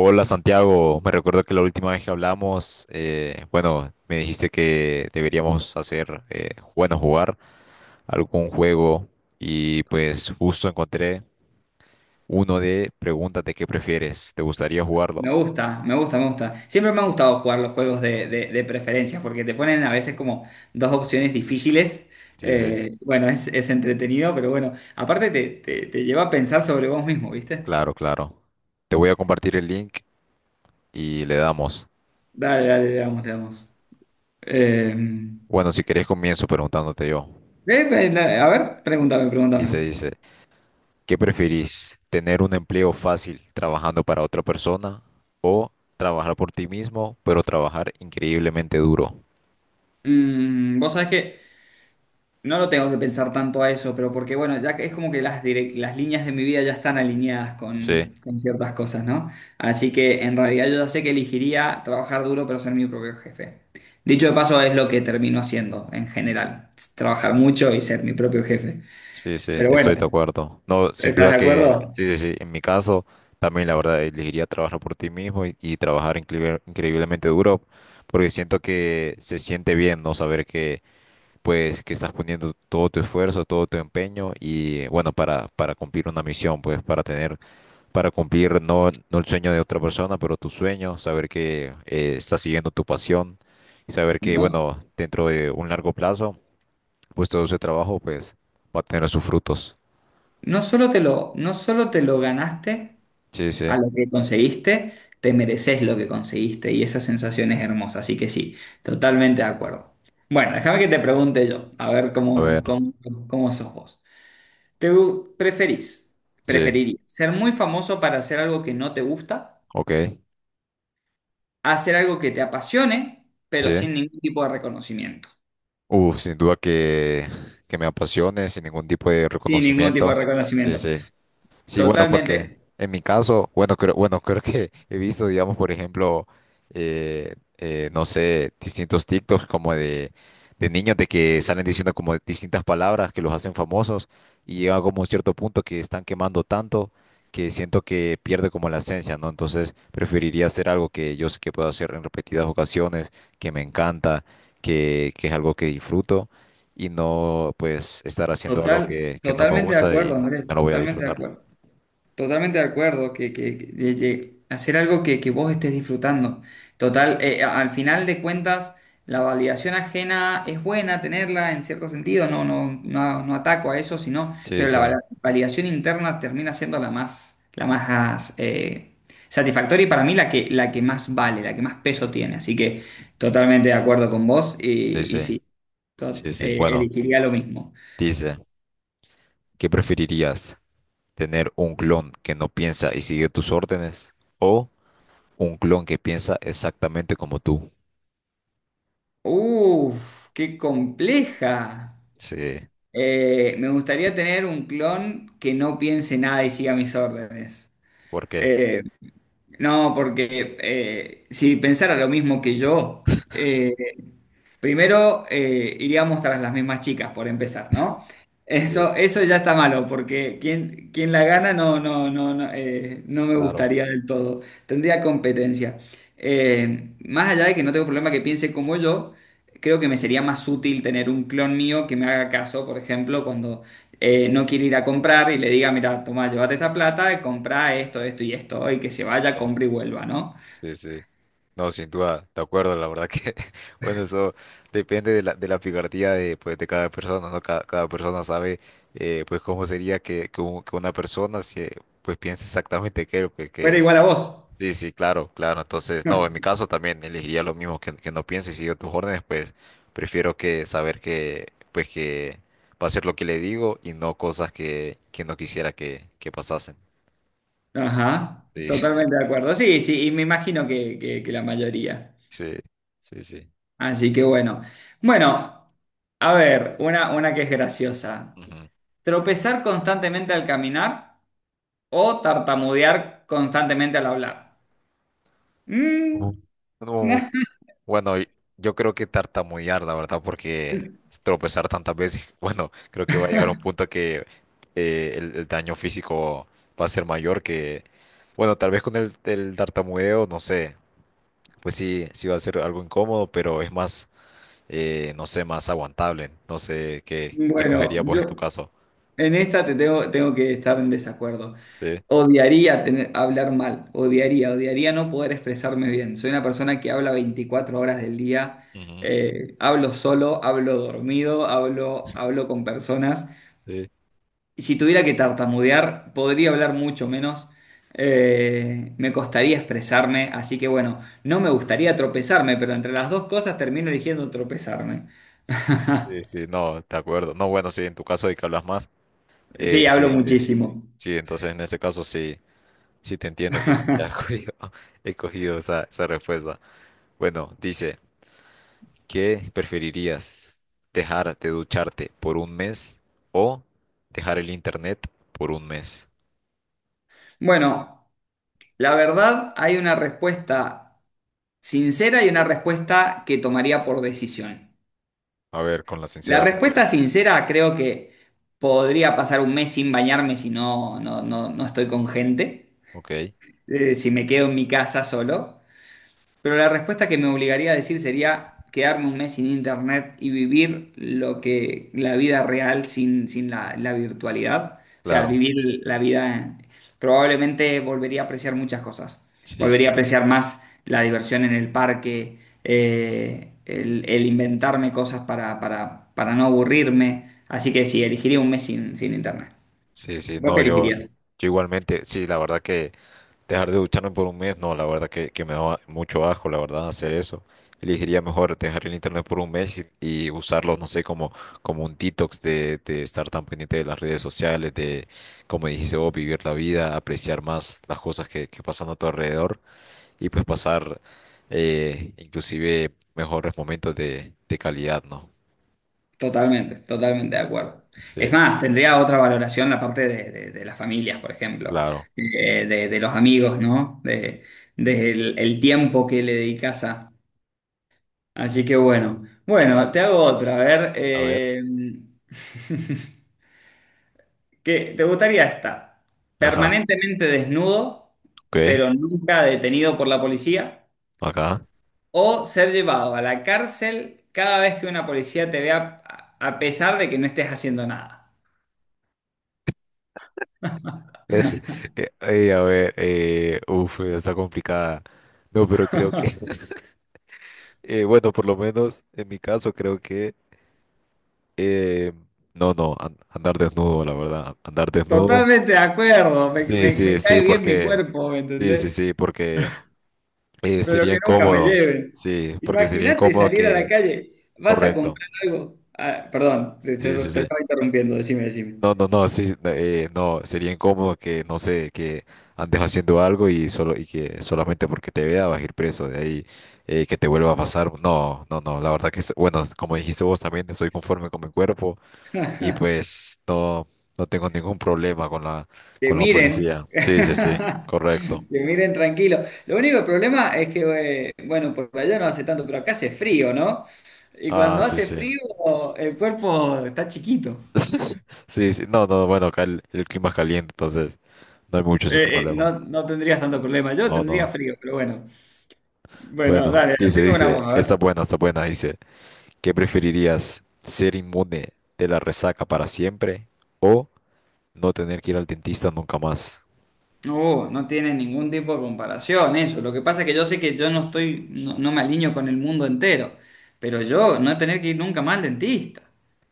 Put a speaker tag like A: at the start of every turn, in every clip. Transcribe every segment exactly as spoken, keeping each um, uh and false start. A: Hola Santiago, me recuerdo que la última vez que hablamos, eh, bueno, me dijiste que deberíamos hacer, eh, bueno, jugar algún juego y pues justo encontré uno de preguntas de qué prefieres. ¿Te gustaría jugarlo?
B: Me gusta, me gusta, me gusta. Siempre me han gustado jugar los juegos de, de, de preferencias porque te ponen a veces como dos opciones difíciles.
A: Sí, sí,
B: Eh, bueno, es, es entretenido, pero bueno, aparte te, te- te lleva a pensar sobre vos mismo, ¿viste?
A: claro, claro. Te voy a compartir el link y le damos.
B: Dale, dale, le damos, le damos. Eh,
A: Bueno, si querés comienzo preguntándote yo.
B: eh, eh, a ver, pregúntame,
A: Dice,
B: pregúntame.
A: dice. ¿Qué preferís? ¿Tener un empleo fácil trabajando para otra persona o trabajar por ti mismo, pero trabajar increíblemente duro?
B: Mm, vos sabés que no lo tengo que pensar tanto a eso, pero porque bueno, ya que es como que las, direc- las líneas de mi vida ya están alineadas
A: Sí,
B: con, con ciertas cosas, ¿no? Así que en realidad yo ya sé que elegiría trabajar duro pero ser mi propio jefe. Dicho de paso, es lo que termino haciendo en general, trabajar mucho y ser mi propio jefe.
A: sí, sí,
B: Pero bueno,
A: estoy de acuerdo. No, sin
B: ¿estás
A: duda
B: de
A: que,
B: acuerdo?
A: sí, sí, sí, en mi caso también la verdad elegiría trabajar por ti mismo y, y trabajar incre- increíblemente duro, porque siento que se siente bien no saber que, pues que estás poniendo todo tu esfuerzo, todo tu empeño y bueno, para para cumplir una misión, pues para tener para cumplir no, no el sueño de otra persona, pero tu sueño, saber que eh, estás siguiendo tu pasión y saber que,
B: No,
A: bueno, dentro de un largo plazo, pues todo ese trabajo, pues va a tener sus frutos.
B: no solo te lo, no solo te lo ganaste.
A: Sí,
B: A
A: sí.
B: lo que conseguiste, te mereces lo que conseguiste y esa sensación es hermosa. Así que sí, totalmente de acuerdo. Bueno, déjame que te pregunte yo, a ver
A: A
B: cómo,
A: ver,
B: cómo, cómo sos vos. ¿Te gu- preferís,
A: sí,
B: Preferirías ser muy famoso para hacer algo que no te gusta,
A: ok,
B: a hacer algo que te apasione,
A: sí.
B: pero sin ningún tipo de reconocimiento?
A: Uf, sin duda que, que me apasione, sin ningún tipo de
B: Sin ningún tipo
A: reconocimiento.
B: de
A: Sí,
B: reconocimiento.
A: sí. Sí, bueno, porque
B: Totalmente,
A: en mi caso, bueno, creo, bueno, creo que he visto, digamos, por ejemplo, eh, eh, no sé, distintos TikToks como de, de niños de que salen diciendo como distintas palabras que los hacen famosos y llega como un cierto punto que están quemando tanto, que siento que pierde como la esencia, ¿no? Entonces preferiría hacer algo que yo sé que puedo hacer en repetidas ocasiones, que me encanta, que, que es algo que disfruto y no, pues, estar haciendo algo
B: total,
A: que, que no me
B: totalmente de
A: gusta y
B: acuerdo, Andrés,
A: no lo voy a
B: totalmente de
A: disfrutar.
B: acuerdo. Totalmente de acuerdo, que, que- que- de- de hacer algo que, que vos estés disfrutando. Total, eh, a- al final de cuentas, la validación ajena es buena tenerla en cierto sentido, no, no, no, no ataco a eso, sino,
A: Sí,
B: pero la vala-
A: sí,
B: validación interna termina siendo la más, la más eh, satisfactoria y para mí la que, la que más vale, la que más peso tiene. Así que totalmente de acuerdo con vos
A: sí,
B: y,
A: sí,
B: y sí, to-
A: sí, sí.
B: eh,
A: Bueno,
B: elegiría lo mismo.
A: dice, ¿qué preferirías? ¿Tener un clon que no piensa y sigue tus órdenes? ¿O un clon que piensa exactamente como tú?
B: Uf, qué compleja.
A: Sí,
B: Eh, me gustaría tener un clon que no piense nada y siga mis órdenes.
A: ¿por qué?
B: Eh, no, porque eh, si pensara lo mismo que yo, eh, primero eh, iríamos tras las mismas chicas, por empezar, ¿no?
A: Sí,
B: Eso, eso ya está malo, porque quien, quien la gana no, no, no, no, eh, no me
A: claro.
B: gustaría del todo. Tendría competencia. Eh, más allá de que no tengo problema que piense como yo, creo que me sería más útil tener un clon mío que me haga caso, por ejemplo, cuando eh, no quiere ir a comprar y le diga, mira, toma, llévate esta plata, y compra esto, esto y esto, y que se vaya,
A: Sí,
B: compre y vuelva, ¿no?
A: sí. Sí. No, sin duda, de acuerdo, la verdad que, bueno, eso depende de la, de la picardía de, pues, de cada persona, ¿no? Cada, cada persona sabe, eh, pues, cómo sería que, que, un- que una persona, se, pues, piense exactamente que él, pues,
B: Fuera
A: que,
B: igual a vos.
A: sí, sí, claro, claro. Entonces, no, en mi caso también elegiría lo mismo, que, que no piense y sigo tus órdenes, pues prefiero que saber que, pues que va a ser lo que le digo y no cosas que, que no quisiera que, que pasasen.
B: Ajá,
A: Sí, sí,
B: totalmente de acuerdo. Sí, sí, y me imagino que, que- que la mayoría.
A: sí, sí. Sí.
B: Así que bueno. Bueno, a ver, una, una que es graciosa.
A: Ujú.
B: ¿Tropezar constantemente al caminar o tartamudear constantemente al hablar? Mm.
A: Ujú. No, bueno, y- yo creo que tartamudear, la verdad, porque tropezar tantas veces, bueno, creo que va a llegar un punto que eh, el, el daño físico va a ser mayor que, bueno, tal vez con el, el tartamudeo, no sé. Pues sí, sí va a ser algo incómodo, pero es más, eh, no sé, más aguantable. No sé qué
B: Bueno,
A: escogerías vos en tu
B: yo,
A: caso.
B: en esta te tengo, tengo que estar en desacuerdo.
A: Sí,
B: Odiaría tener, hablar mal, odiaría, odiaría no poder expresarme bien. Soy una persona que habla veinticuatro horas del día,
A: ujú,
B: eh, hablo solo, hablo dormido, hablo, hablo con personas.
A: sí,
B: Y si tuviera que tartamudear, podría hablar mucho menos. Eh, me costaría expresarme, así que bueno, no me gustaría tropezarme, pero entre las dos cosas termino eligiendo tropezarme.
A: sí, sí, no, de acuerdo. No, bueno, sí, en tu caso hay que hablas más. Eh,
B: Sí, hablo
A: sí, sí,
B: muchísimo.
A: sí, entonces en ese caso sí, sí te entiendo que ya he cogido, he cogido esa, esa respuesta. Bueno, dice, ¿qué preferirías? ¿Dejar de ducharte por un mes o dejar el internet por un mes?
B: Bueno. La verdad, hay una respuesta sincera y una respuesta que tomaría por decisión.
A: A ver, con la
B: La
A: sincera
B: respuesta
A: primero.
B: sincera creo que podría pasar un mes sin bañarme si no, no, no, no estoy con gente,
A: Ok,
B: eh, si me quedo en mi casa solo. Pero la respuesta que me obligaría a decir sería quedarme un mes sin internet y vivir lo que la vida real sin, sin la, la virtualidad. O sea,
A: claro.
B: vivir la vida. Probablemente volvería a apreciar muchas cosas.
A: Sí,
B: Volvería a
A: sí,
B: apreciar más la diversión en el parque, eh, el, el inventarme cosas para, para, para no aburrirme. Así que sí, elegiría un mes sin, sin internet.
A: sí, sí,
B: ¿Vos qué
A: no, yo, yo
B: elegirías?
A: igualmente, sí, la verdad que dejar de ducharme por un mes, no, la verdad que, que me da mucho asco, la verdad, hacer eso. Elegiría mejor dejar el internet por un mes y, y usarlo, no sé, como, como un detox de, de estar tan pendiente de las redes sociales, de, como dijiste vos, vivir la vida, apreciar más las cosas que, que pasan a tu alrededor y pues pasar eh, inclusive mejores momentos de, de calidad, ¿no?
B: Totalmente, totalmente de acuerdo.
A: Sí,
B: Es más, tendría otra valoración la parte de, de- de las familias, por ejemplo,
A: claro.
B: eh, de, de los amigos, ¿no? De, de el, el tiempo que le dedicas a. Así que bueno, bueno, te hago otra. A ver,
A: A ver.
B: eh, ¿qué- Te gustaría estar
A: Ajá,
B: permanentemente desnudo,
A: ok,
B: pero nunca detenido por la policía?
A: acá.
B: ¿O ser llevado a la cárcel cada vez que una policía te vea, a a pesar de que no estés haciendo nada?
A: Es, eh, eh, a ver, eh, uf, está complicada. No, pero creo que, eh, bueno, por lo menos en mi caso creo que, eh, no, no, an- andar desnudo, la verdad, andar desnudo.
B: Totalmente de acuerdo, me,
A: Sí,
B: me- me
A: sí, sí,
B: cae bien mi
A: porque,
B: cuerpo, ¿me
A: sí, sí,
B: entendés?
A: sí, porque eh,
B: Pero
A: sería
B: que nunca me
A: incómodo,
B: lleven.
A: sí, porque sería
B: Imagínate
A: incómodo
B: salir a la
A: que,
B: calle, vas a
A: correcto,
B: comprar algo. Ah, perdón, te,
A: sí,
B: te-
A: sí,
B: te
A: sí.
B: estaba interrumpiendo, decime, decime.
A: No, no, no, sí, no, eh, no, sería incómodo que, no sé, que andes haciendo algo y solo, y que solamente porque te vea vas a ir preso, de ahí eh, que te vuelva a pasar. No, no, no, la verdad que, es- bueno, como dijiste vos también, soy conforme con mi cuerpo y pues no, no tengo ningún problema con la,
B: Que
A: con la
B: miren,
A: policía. Sí, sí, sí, correcto.
B: que miren tranquilo. Lo único problema es que, eh, bueno, por allá no hace tanto, pero acá hace frío, ¿no? Y
A: Ah,
B: cuando
A: sí,
B: hace
A: sí.
B: frío, el cuerpo está chiquito.
A: Sí, sí, no, no, bueno, acá el, el clima es caliente, entonces no hay mucho ese
B: Eh, eh,
A: problema.
B: no, no tendrías tanto problema, yo
A: No,
B: tendría
A: no.
B: frío, pero bueno. Bueno,
A: Bueno,
B: dale,
A: dice,
B: haceme una
A: dice,
B: voz, a ver.
A: está buena, está buena, dice. ¿Qué preferirías? ¿Ser inmune de la resaca para siempre o no tener que ir al dentista nunca más?
B: No, no tiene ningún tipo de comparación eso. Lo que pasa es que yo sé que yo no estoy, no, no me alineo con el mundo entero, pero yo no tener que ir nunca más al dentista.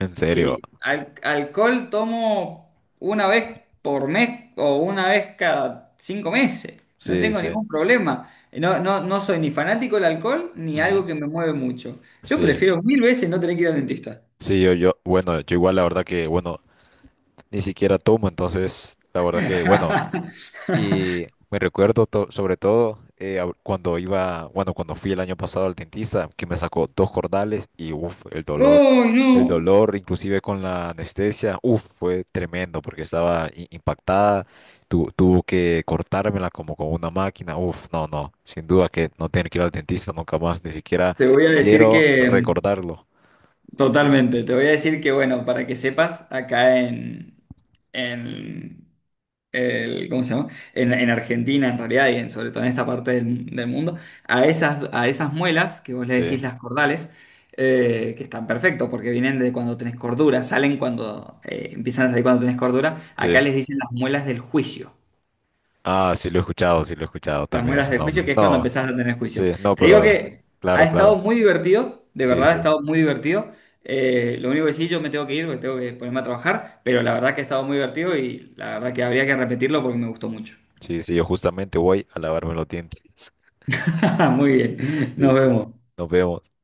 A: En serio.
B: Si al- alcohol tomo una vez por mes o una vez cada cinco meses, no
A: Sí,
B: tengo
A: sí.
B: ningún problema. No, no, no soy ni fanático del alcohol ni algo
A: Ujú.
B: que me mueve mucho. Yo
A: Sí.
B: prefiero mil veces no tener que ir al dentista.
A: Sí, yo, yo, bueno, yo igual la verdad que, bueno, ni siquiera tomo, entonces, la verdad que, bueno, y me recuerdo to- sobre todo eh, ab- cuando iba, bueno, cuando fui el año pasado al dentista, que me sacó dos cordales y uff, el dolor,
B: ¡Uy,
A: el
B: no!
A: dolor, inclusive con la anestesia, uff, fue tremendo porque estaba i- impactada, tu- tuvo que cortármela como con una máquina, uff, no, no, sin duda que no tener que ir al dentista nunca más, ni siquiera
B: Te voy a decir
A: quiero
B: que
A: recordarlo.
B: totalmente. Te voy a decir que, bueno, para que sepas, acá en, en el, ¿cómo se llama? En, en Argentina, en realidad, y en, sobre todo en esta parte del, del mundo, a esas, a esas muelas, que vos le
A: Sí,
B: decís las cordales, eh, que están perfectos porque vienen de cuando tenés cordura, salen cuando, eh, empiezan a salir cuando tenés cordura, acá
A: sí.
B: les dicen las muelas del juicio.
A: Ah, sí lo he escuchado, sí lo he escuchado
B: Las
A: también
B: muelas
A: ese
B: del juicio,
A: nombre.
B: que es cuando
A: No,
B: empezás a tener juicio.
A: sí, no,
B: Te digo
A: pero
B: que ha
A: claro,
B: estado
A: claro.
B: muy divertido, de
A: Sí,
B: verdad ha
A: sí.
B: estado muy divertido. Eh, lo único que sí, yo me tengo que ir porque tengo que ponerme a trabajar, pero la verdad que ha estado muy divertido y la verdad que habría que repetirlo porque me gustó mucho.
A: Sí, sí, yo justamente voy a lavarme los dientes.
B: Muy bien,
A: Sí,
B: nos
A: sí.
B: vemos.
A: Nos vemos.